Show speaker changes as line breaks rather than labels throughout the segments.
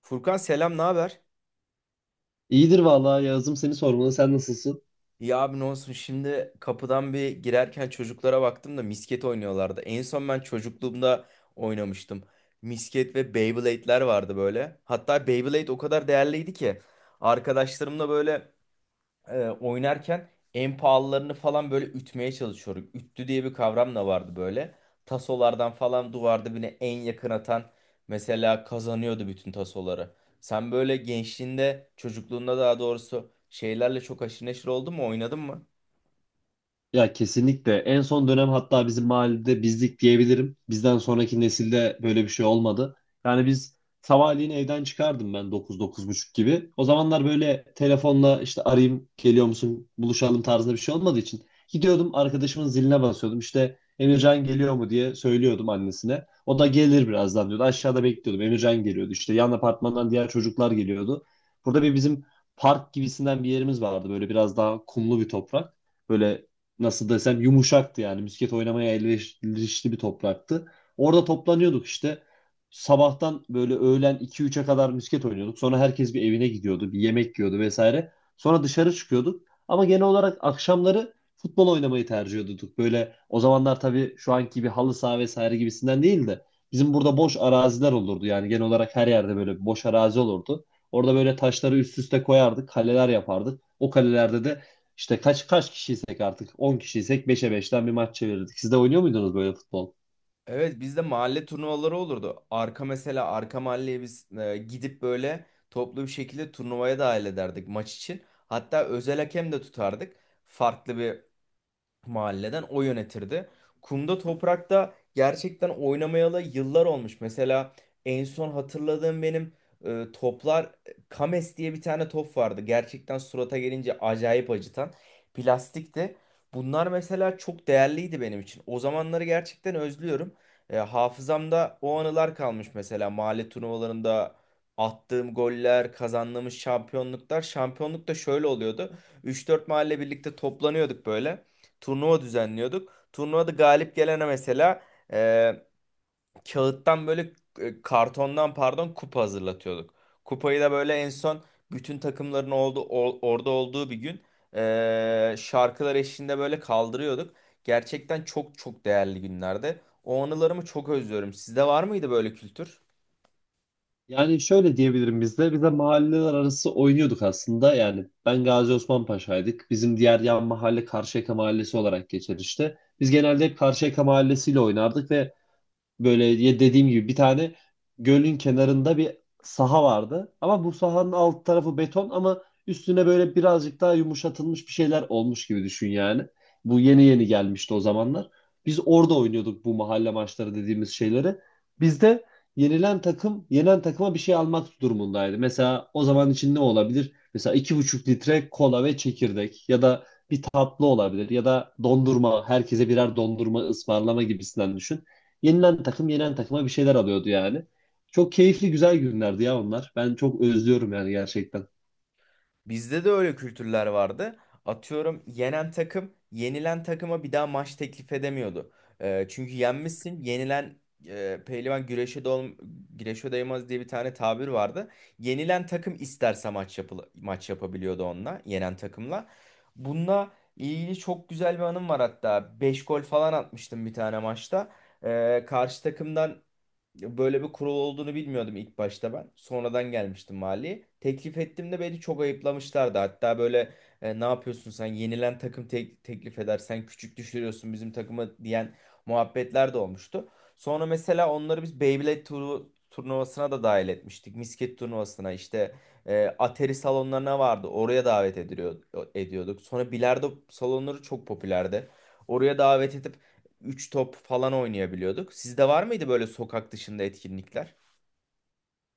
Furkan selam, ne haber?
İyidir vallahi Yağız'ım seni sormalı. Sen nasılsın?
Ya abi ne olsun şimdi kapıdan bir girerken çocuklara baktım da misket oynuyorlardı. En son ben çocukluğumda oynamıştım. Misket ve Beyblade'ler vardı böyle. Hatta Beyblade o kadar değerliydi ki arkadaşlarımla böyle oynarken en pahalılarını falan böyle ütmeye çalışıyorum. Üttü diye bir kavram da vardı böyle. Tasolardan falan duvarda birine en yakın atan mesela kazanıyordu bütün tasoları. Sen böyle gençliğinde, çocukluğunda daha doğrusu şeylerle çok haşır neşir oldun mu, oynadın mı?
Ya kesinlikle. En son dönem hatta bizim mahallede bizlik diyebilirim. Bizden sonraki nesilde böyle bir şey olmadı. Yani biz sabahleyin evden çıkardım ben 9, 9 buçuk gibi. O zamanlar böyle telefonla işte arayayım geliyor musun buluşalım tarzında bir şey olmadığı için. Gidiyordum arkadaşımın ziline basıyordum. İşte Emircan geliyor mu diye söylüyordum annesine. O da gelir birazdan diyordu. Aşağıda bekliyordum. Emircan geliyordu. İşte yan apartmandan diğer çocuklar geliyordu. Burada bir bizim park gibisinden bir yerimiz vardı. Böyle biraz daha kumlu bir toprak. Böyle nasıl desem yumuşaktı, yani misket oynamaya elverişli bir topraktı. Orada toplanıyorduk işte. Sabahtan böyle öğlen 2, 3'e kadar misket oynuyorduk. Sonra herkes bir evine gidiyordu, bir yemek yiyordu vesaire. Sonra dışarı çıkıyorduk. Ama genel olarak akşamları futbol oynamayı tercih ediyorduk. Böyle o zamanlar tabii şu anki gibi halı saha vesaire gibisinden değil de bizim burada boş araziler olurdu. Yani genel olarak her yerde böyle boş arazi olurdu. Orada böyle taşları üst üste koyardık, kaleler yapardık. O kalelerde de işte kaç kişiysek artık 10 kişiysek 5'e 5'ten bir maç çevirirdik. Siz de oynuyor muydunuz böyle futbol?
Evet, bizde mahalle turnuvaları olurdu. Arka mesela arka mahalleye biz gidip böyle toplu bir şekilde turnuvaya dahil ederdik maç için. Hatta özel hakem de tutardık. Farklı bir mahalleden o yönetirdi. Kumda toprakta gerçekten oynamayalı yıllar olmuş. Mesela en son hatırladığım benim toplar Kames diye bir tane top vardı. Gerçekten surata gelince acayip acıtan plastikti. Bunlar mesela çok değerliydi benim için. O zamanları gerçekten özlüyorum. Hafızamda o anılar kalmış, mesela mahalle turnuvalarında attığım goller, kazandığımız şampiyonluklar. Şampiyonluk da şöyle oluyordu: 3-4 mahalle birlikte toplanıyorduk, böyle turnuva düzenliyorduk. Turnuvada galip gelene mesela e, kağıttan böyle kartondan, pardon, kupa hazırlatıyorduk. Kupayı da böyle en son bütün takımların orada olduğu bir gün şarkılar eşliğinde böyle kaldırıyorduk. Gerçekten çok çok değerli günlerde. O anılarımı çok özlüyorum. Sizde var mıydı böyle kültür?
Yani şöyle diyebilirim biz de mahalleler arası oynuyorduk aslında. Yani ben Gazi Osman Paşa'ydık. Bizim diğer yan mahalle Karşıyaka Mahallesi olarak geçer işte. Biz genelde hep Karşıyaka Mahallesi'yle oynardık ve böyle ya dediğim gibi bir tane gölün kenarında bir saha vardı. Ama bu sahanın alt tarafı beton ama üstüne böyle birazcık daha yumuşatılmış bir şeyler olmuş gibi düşün yani. Bu yeni yeni gelmişti o zamanlar. Biz orada oynuyorduk bu mahalle maçları dediğimiz şeyleri. Bizde yenilen takım yenen takıma bir şey almak durumundaydı. Mesela o zaman için ne olabilir? Mesela 2,5 litre kola ve çekirdek ya da bir tatlı olabilir ya da dondurma, herkese birer dondurma ısmarlama gibisinden düşün. Yenilen takım yenilen takıma bir şeyler alıyordu yani. Çok keyifli güzel günlerdi ya onlar. Ben çok özlüyorum yani gerçekten.
Bizde de öyle kültürler vardı. Atıyorum, yenen takım yenilen takıma bir daha maç teklif edemiyordu. Çünkü yenmişsin. Yenilen pehlivan güreşe, güreşe doymaz diye bir tane tabir vardı. Yenilen takım isterse maç yapabiliyordu onunla, yenen takımla. Bununla ilgili çok güzel bir anım var hatta. 5 gol falan atmıştım bir tane maçta. Karşı takımdan böyle bir kurul olduğunu bilmiyordum ilk başta ben. Sonradan gelmiştim mali. Teklif ettim de beni çok ayıplamışlardı. Hatta böyle ne yapıyorsun sen, yenilen takım teklif edersen küçük düşürüyorsun bizim takımı diyen muhabbetler de olmuştu. Sonra mesela onları biz Beyblade turu turnuvasına da dahil etmiştik. Misket turnuvasına, işte Atari salonlarına vardı. Oraya davet ediliyor, ediyorduk. Sonra bilardo salonları çok popülerdi. Oraya davet edip üç top falan oynayabiliyorduk. Sizde var mıydı böyle sokak dışında etkinlikler?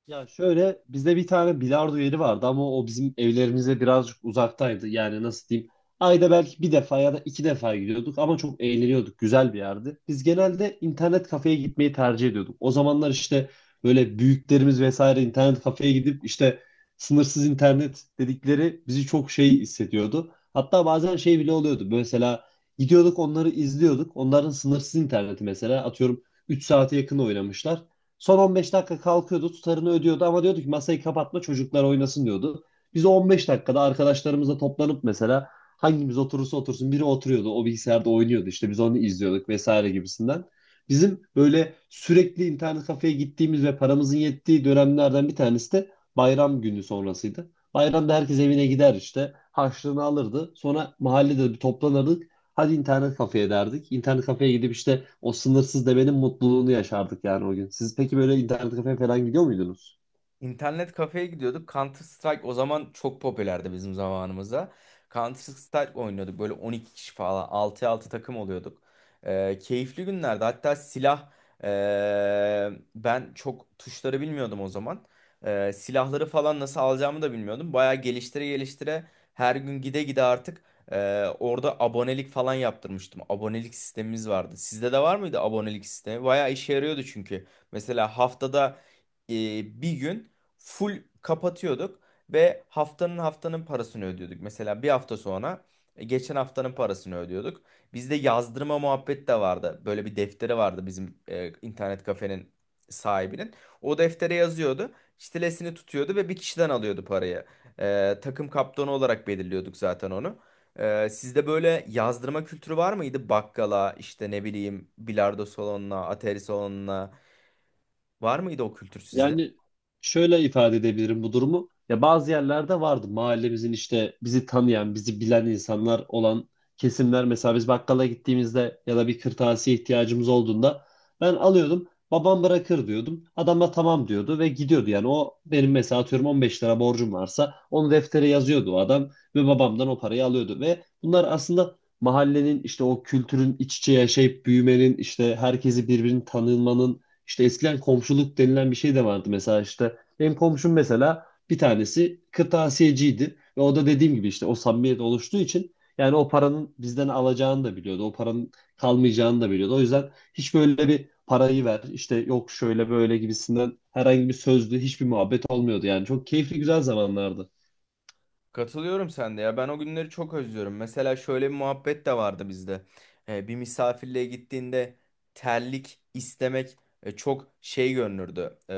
Ya şöyle, bizde bir tane bilardo yeri vardı ama o bizim evlerimize birazcık uzaktaydı. Yani nasıl diyeyim? Ayda belki bir defa ya da iki defa gidiyorduk ama çok eğleniyorduk. Güzel bir yerdi. Biz genelde internet kafeye gitmeyi tercih ediyorduk. O zamanlar işte böyle büyüklerimiz vesaire internet kafeye gidip işte sınırsız internet dedikleri bizi çok şey hissediyordu. Hatta bazen şey bile oluyordu. Mesela gidiyorduk onları izliyorduk. Onların sınırsız interneti mesela atıyorum 3 saate yakın oynamışlar. Son 15 dakika kalkıyordu, tutarını ödüyordu ama diyordu ki masayı kapatma çocuklar oynasın diyordu. Biz o 15 dakikada arkadaşlarımızla toplanıp mesela hangimiz oturursa otursun biri oturuyordu o bilgisayarda oynuyordu işte biz onu izliyorduk vesaire gibisinden. Bizim böyle sürekli internet kafeye gittiğimiz ve paramızın yettiği dönemlerden bir tanesi de bayram günü sonrasıydı. Bayramda herkes evine gider işte harçlığını alırdı. Sonra mahallede bir toplanırdık. Hadi internet kafeye derdik. İnternet kafeye gidip işte o sınırsız demenin mutluluğunu yaşardık yani o gün. Siz peki böyle internet kafeye falan gidiyor muydunuz?
İnternet kafeye gidiyorduk. Counter Strike o zaman çok popülerdi bizim zamanımızda. Counter Strike oynuyorduk. Böyle 12 kişi falan 6'ya 6 takım oluyorduk. Keyifli günlerdi. Hatta silah ee, ben çok tuşları bilmiyordum o zaman. Silahları falan nasıl alacağımı da bilmiyordum. Bayağı geliştire geliştire, her gün gide gide artık orada abonelik falan yaptırmıştım. Abonelik sistemimiz vardı. Sizde de var mıydı abonelik sistemi? Bayağı işe yarıyordu çünkü. Mesela haftada bir gün full kapatıyorduk ve haftanın parasını ödüyorduk. Mesela bir hafta sonra geçen haftanın parasını ödüyorduk. Bizde yazdırma muhabbet de vardı. Böyle bir defteri vardı bizim internet kafenin sahibinin. O deftere yazıyordu. Çitelesini tutuyordu ve bir kişiden alıyordu parayı. Takım kaptanı olarak belirliyorduk zaten onu. Sizde böyle yazdırma kültürü var mıydı? Bakkala, işte ne bileyim, bilardo salonuna, atari salonuna, var mıydı o kültür sizde?
Yani şöyle ifade edebilirim bu durumu. Ya bazı yerlerde vardı, mahallemizin işte bizi tanıyan, bizi bilen insanlar olan kesimler. Mesela biz bakkala gittiğimizde ya da bir kırtasiye ihtiyacımız olduğunda ben alıyordum. Babam bırakır diyordum. Adam da tamam diyordu ve gidiyordu. Yani o benim mesela atıyorum 15 lira borcum varsa onu deftere yazıyordu o adam ve babamdan o parayı alıyordu. Ve bunlar aslında mahallenin işte o kültürün iç içe yaşayıp büyümenin işte herkesi birbirini tanımanın işte eskiden komşuluk denilen bir şey de vardı. Mesela işte benim komşum mesela bir tanesi kırtasiyeciydi. Ve o da dediğim gibi işte o samimiyet oluştuğu için yani o paranın bizden alacağını da biliyordu. O paranın kalmayacağını da biliyordu. O yüzden hiç böyle bir parayı ver işte yok şöyle böyle gibisinden herhangi bir sözlü hiçbir muhabbet olmuyordu. Yani çok keyifli güzel zamanlardı.
Katılıyorum sen de ya, ben o günleri çok özlüyorum. Mesela şöyle bir muhabbet de vardı bizde. Bir misafirliğe gittiğinde terlik istemek çok şey görünürdü.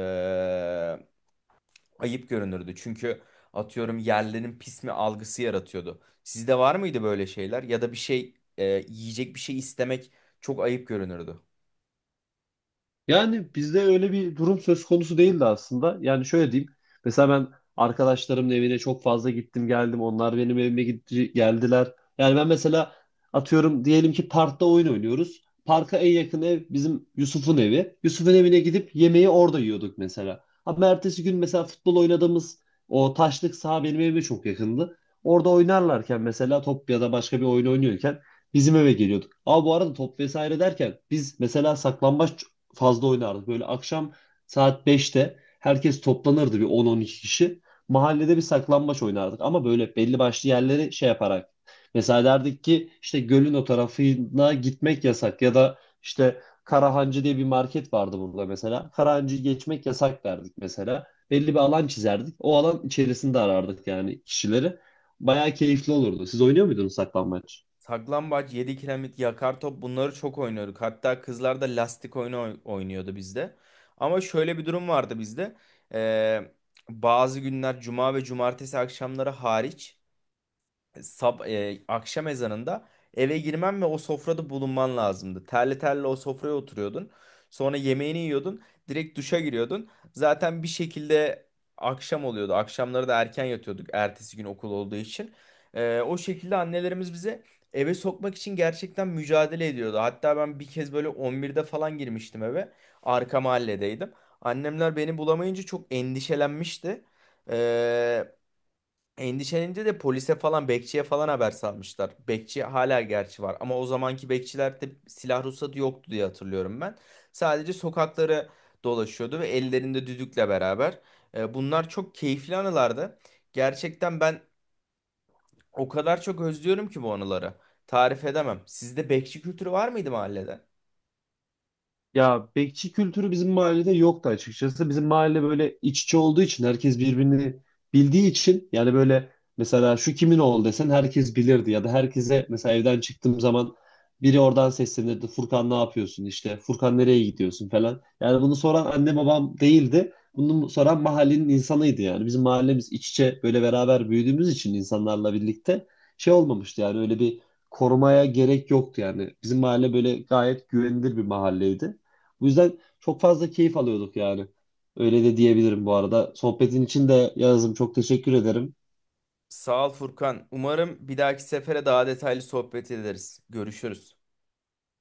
Ayıp görünürdü. Çünkü atıyorum yerlerin pis mi algısı yaratıyordu. Sizde var mıydı böyle şeyler? Ya da bir şey yiyecek bir şey istemek çok ayıp görünürdü.
Yani bizde öyle bir durum söz konusu değildi aslında. Yani şöyle diyeyim. Mesela ben arkadaşlarımın evine çok fazla gittim geldim. Onlar benim evime gitti, geldiler. Yani ben mesela atıyorum, diyelim ki parkta oyun oynuyoruz. Parka en yakın ev bizim Yusuf'un evi. Yusuf'un evine gidip yemeği orada yiyorduk mesela. Ama ertesi gün mesela futbol oynadığımız o taşlık saha benim evime çok yakındı. Orada oynarlarken mesela top ya da başka bir oyun oynuyorken bizim eve geliyorduk. Ama bu arada top vesaire derken biz mesela saklambaç fazla oynardı. Böyle akşam saat 5'te herkes toplanırdı bir 10, 12 kişi. Mahallede bir saklambaç oynardık ama böyle belli başlı yerleri şey yaparak. Mesela derdik ki işte gölün o tarafına gitmek yasak ya da işte Karahancı diye bir market vardı burada mesela. Karahancı'yı geçmek yasak derdik mesela. Belli bir alan çizerdik. O alan içerisinde arardık yani kişileri. Bayağı keyifli olurdu. Siz oynuyor muydunuz saklambaç?
Saklambaç, 7 kiremit, yakar top, bunları çok oynuyorduk. Hatta kızlar da lastik oyunu oynuyordu bizde. Ama şöyle bir durum vardı bizde. Ee, Bazı günler, cuma ve cumartesi akşamları hariç, akşam ezanında eve girmen ve o sofrada bulunman lazımdı. Terli terli o sofraya oturuyordun. Sonra yemeğini yiyordun. Direkt duşa giriyordun. Zaten bir şekilde akşam oluyordu. Akşamları da erken yatıyorduk, ertesi gün okul olduğu için. O şekilde annelerimiz bize eve sokmak için gerçekten mücadele ediyordu. Hatta ben bir kez böyle 11'de falan girmiştim eve. Arka mahalledeydim. Annemler beni bulamayınca çok endişelenmişti. E, Endişelenince de polise falan, bekçiye falan haber salmışlar. Bekçi hala gerçi var ama o zamanki bekçilerde silah ruhsatı yoktu diye hatırlıyorum ben. Sadece sokakları dolaşıyordu ve ellerinde düdükle beraber. Bunlar çok keyifli anılardı. Gerçekten ben o kadar çok özlüyorum ki bu anıları. Tarif edemem. Sizde bekçi kültürü var mıydı mahallede?
Ya bekçi kültürü bizim mahallede yoktu açıkçası. Bizim mahalle böyle iç içe olduğu için herkes birbirini bildiği için yani böyle mesela şu kimin oğlu desen herkes bilirdi ya da herkese mesela evden çıktığım zaman biri oradan seslenirdi. Furkan ne yapıyorsun işte Furkan nereye gidiyorsun falan. Yani bunu soran anne babam değildi. Bunu soran mahallenin insanıydı yani. Bizim mahallemiz iç içe böyle beraber büyüdüğümüz için insanlarla birlikte şey olmamıştı yani öyle bir korumaya gerek yoktu yani. Bizim mahalle böyle gayet güvenilir bir mahalleydi. Bu yüzden çok fazla keyif alıyorduk yani. Öyle de diyebilirim bu arada. Sohbetin için de Yağız'ım çok teşekkür ederim.
Sağ ol Furkan. Umarım bir dahaki sefere daha detaylı sohbet ederiz. Görüşürüz.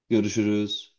Görüşürüz.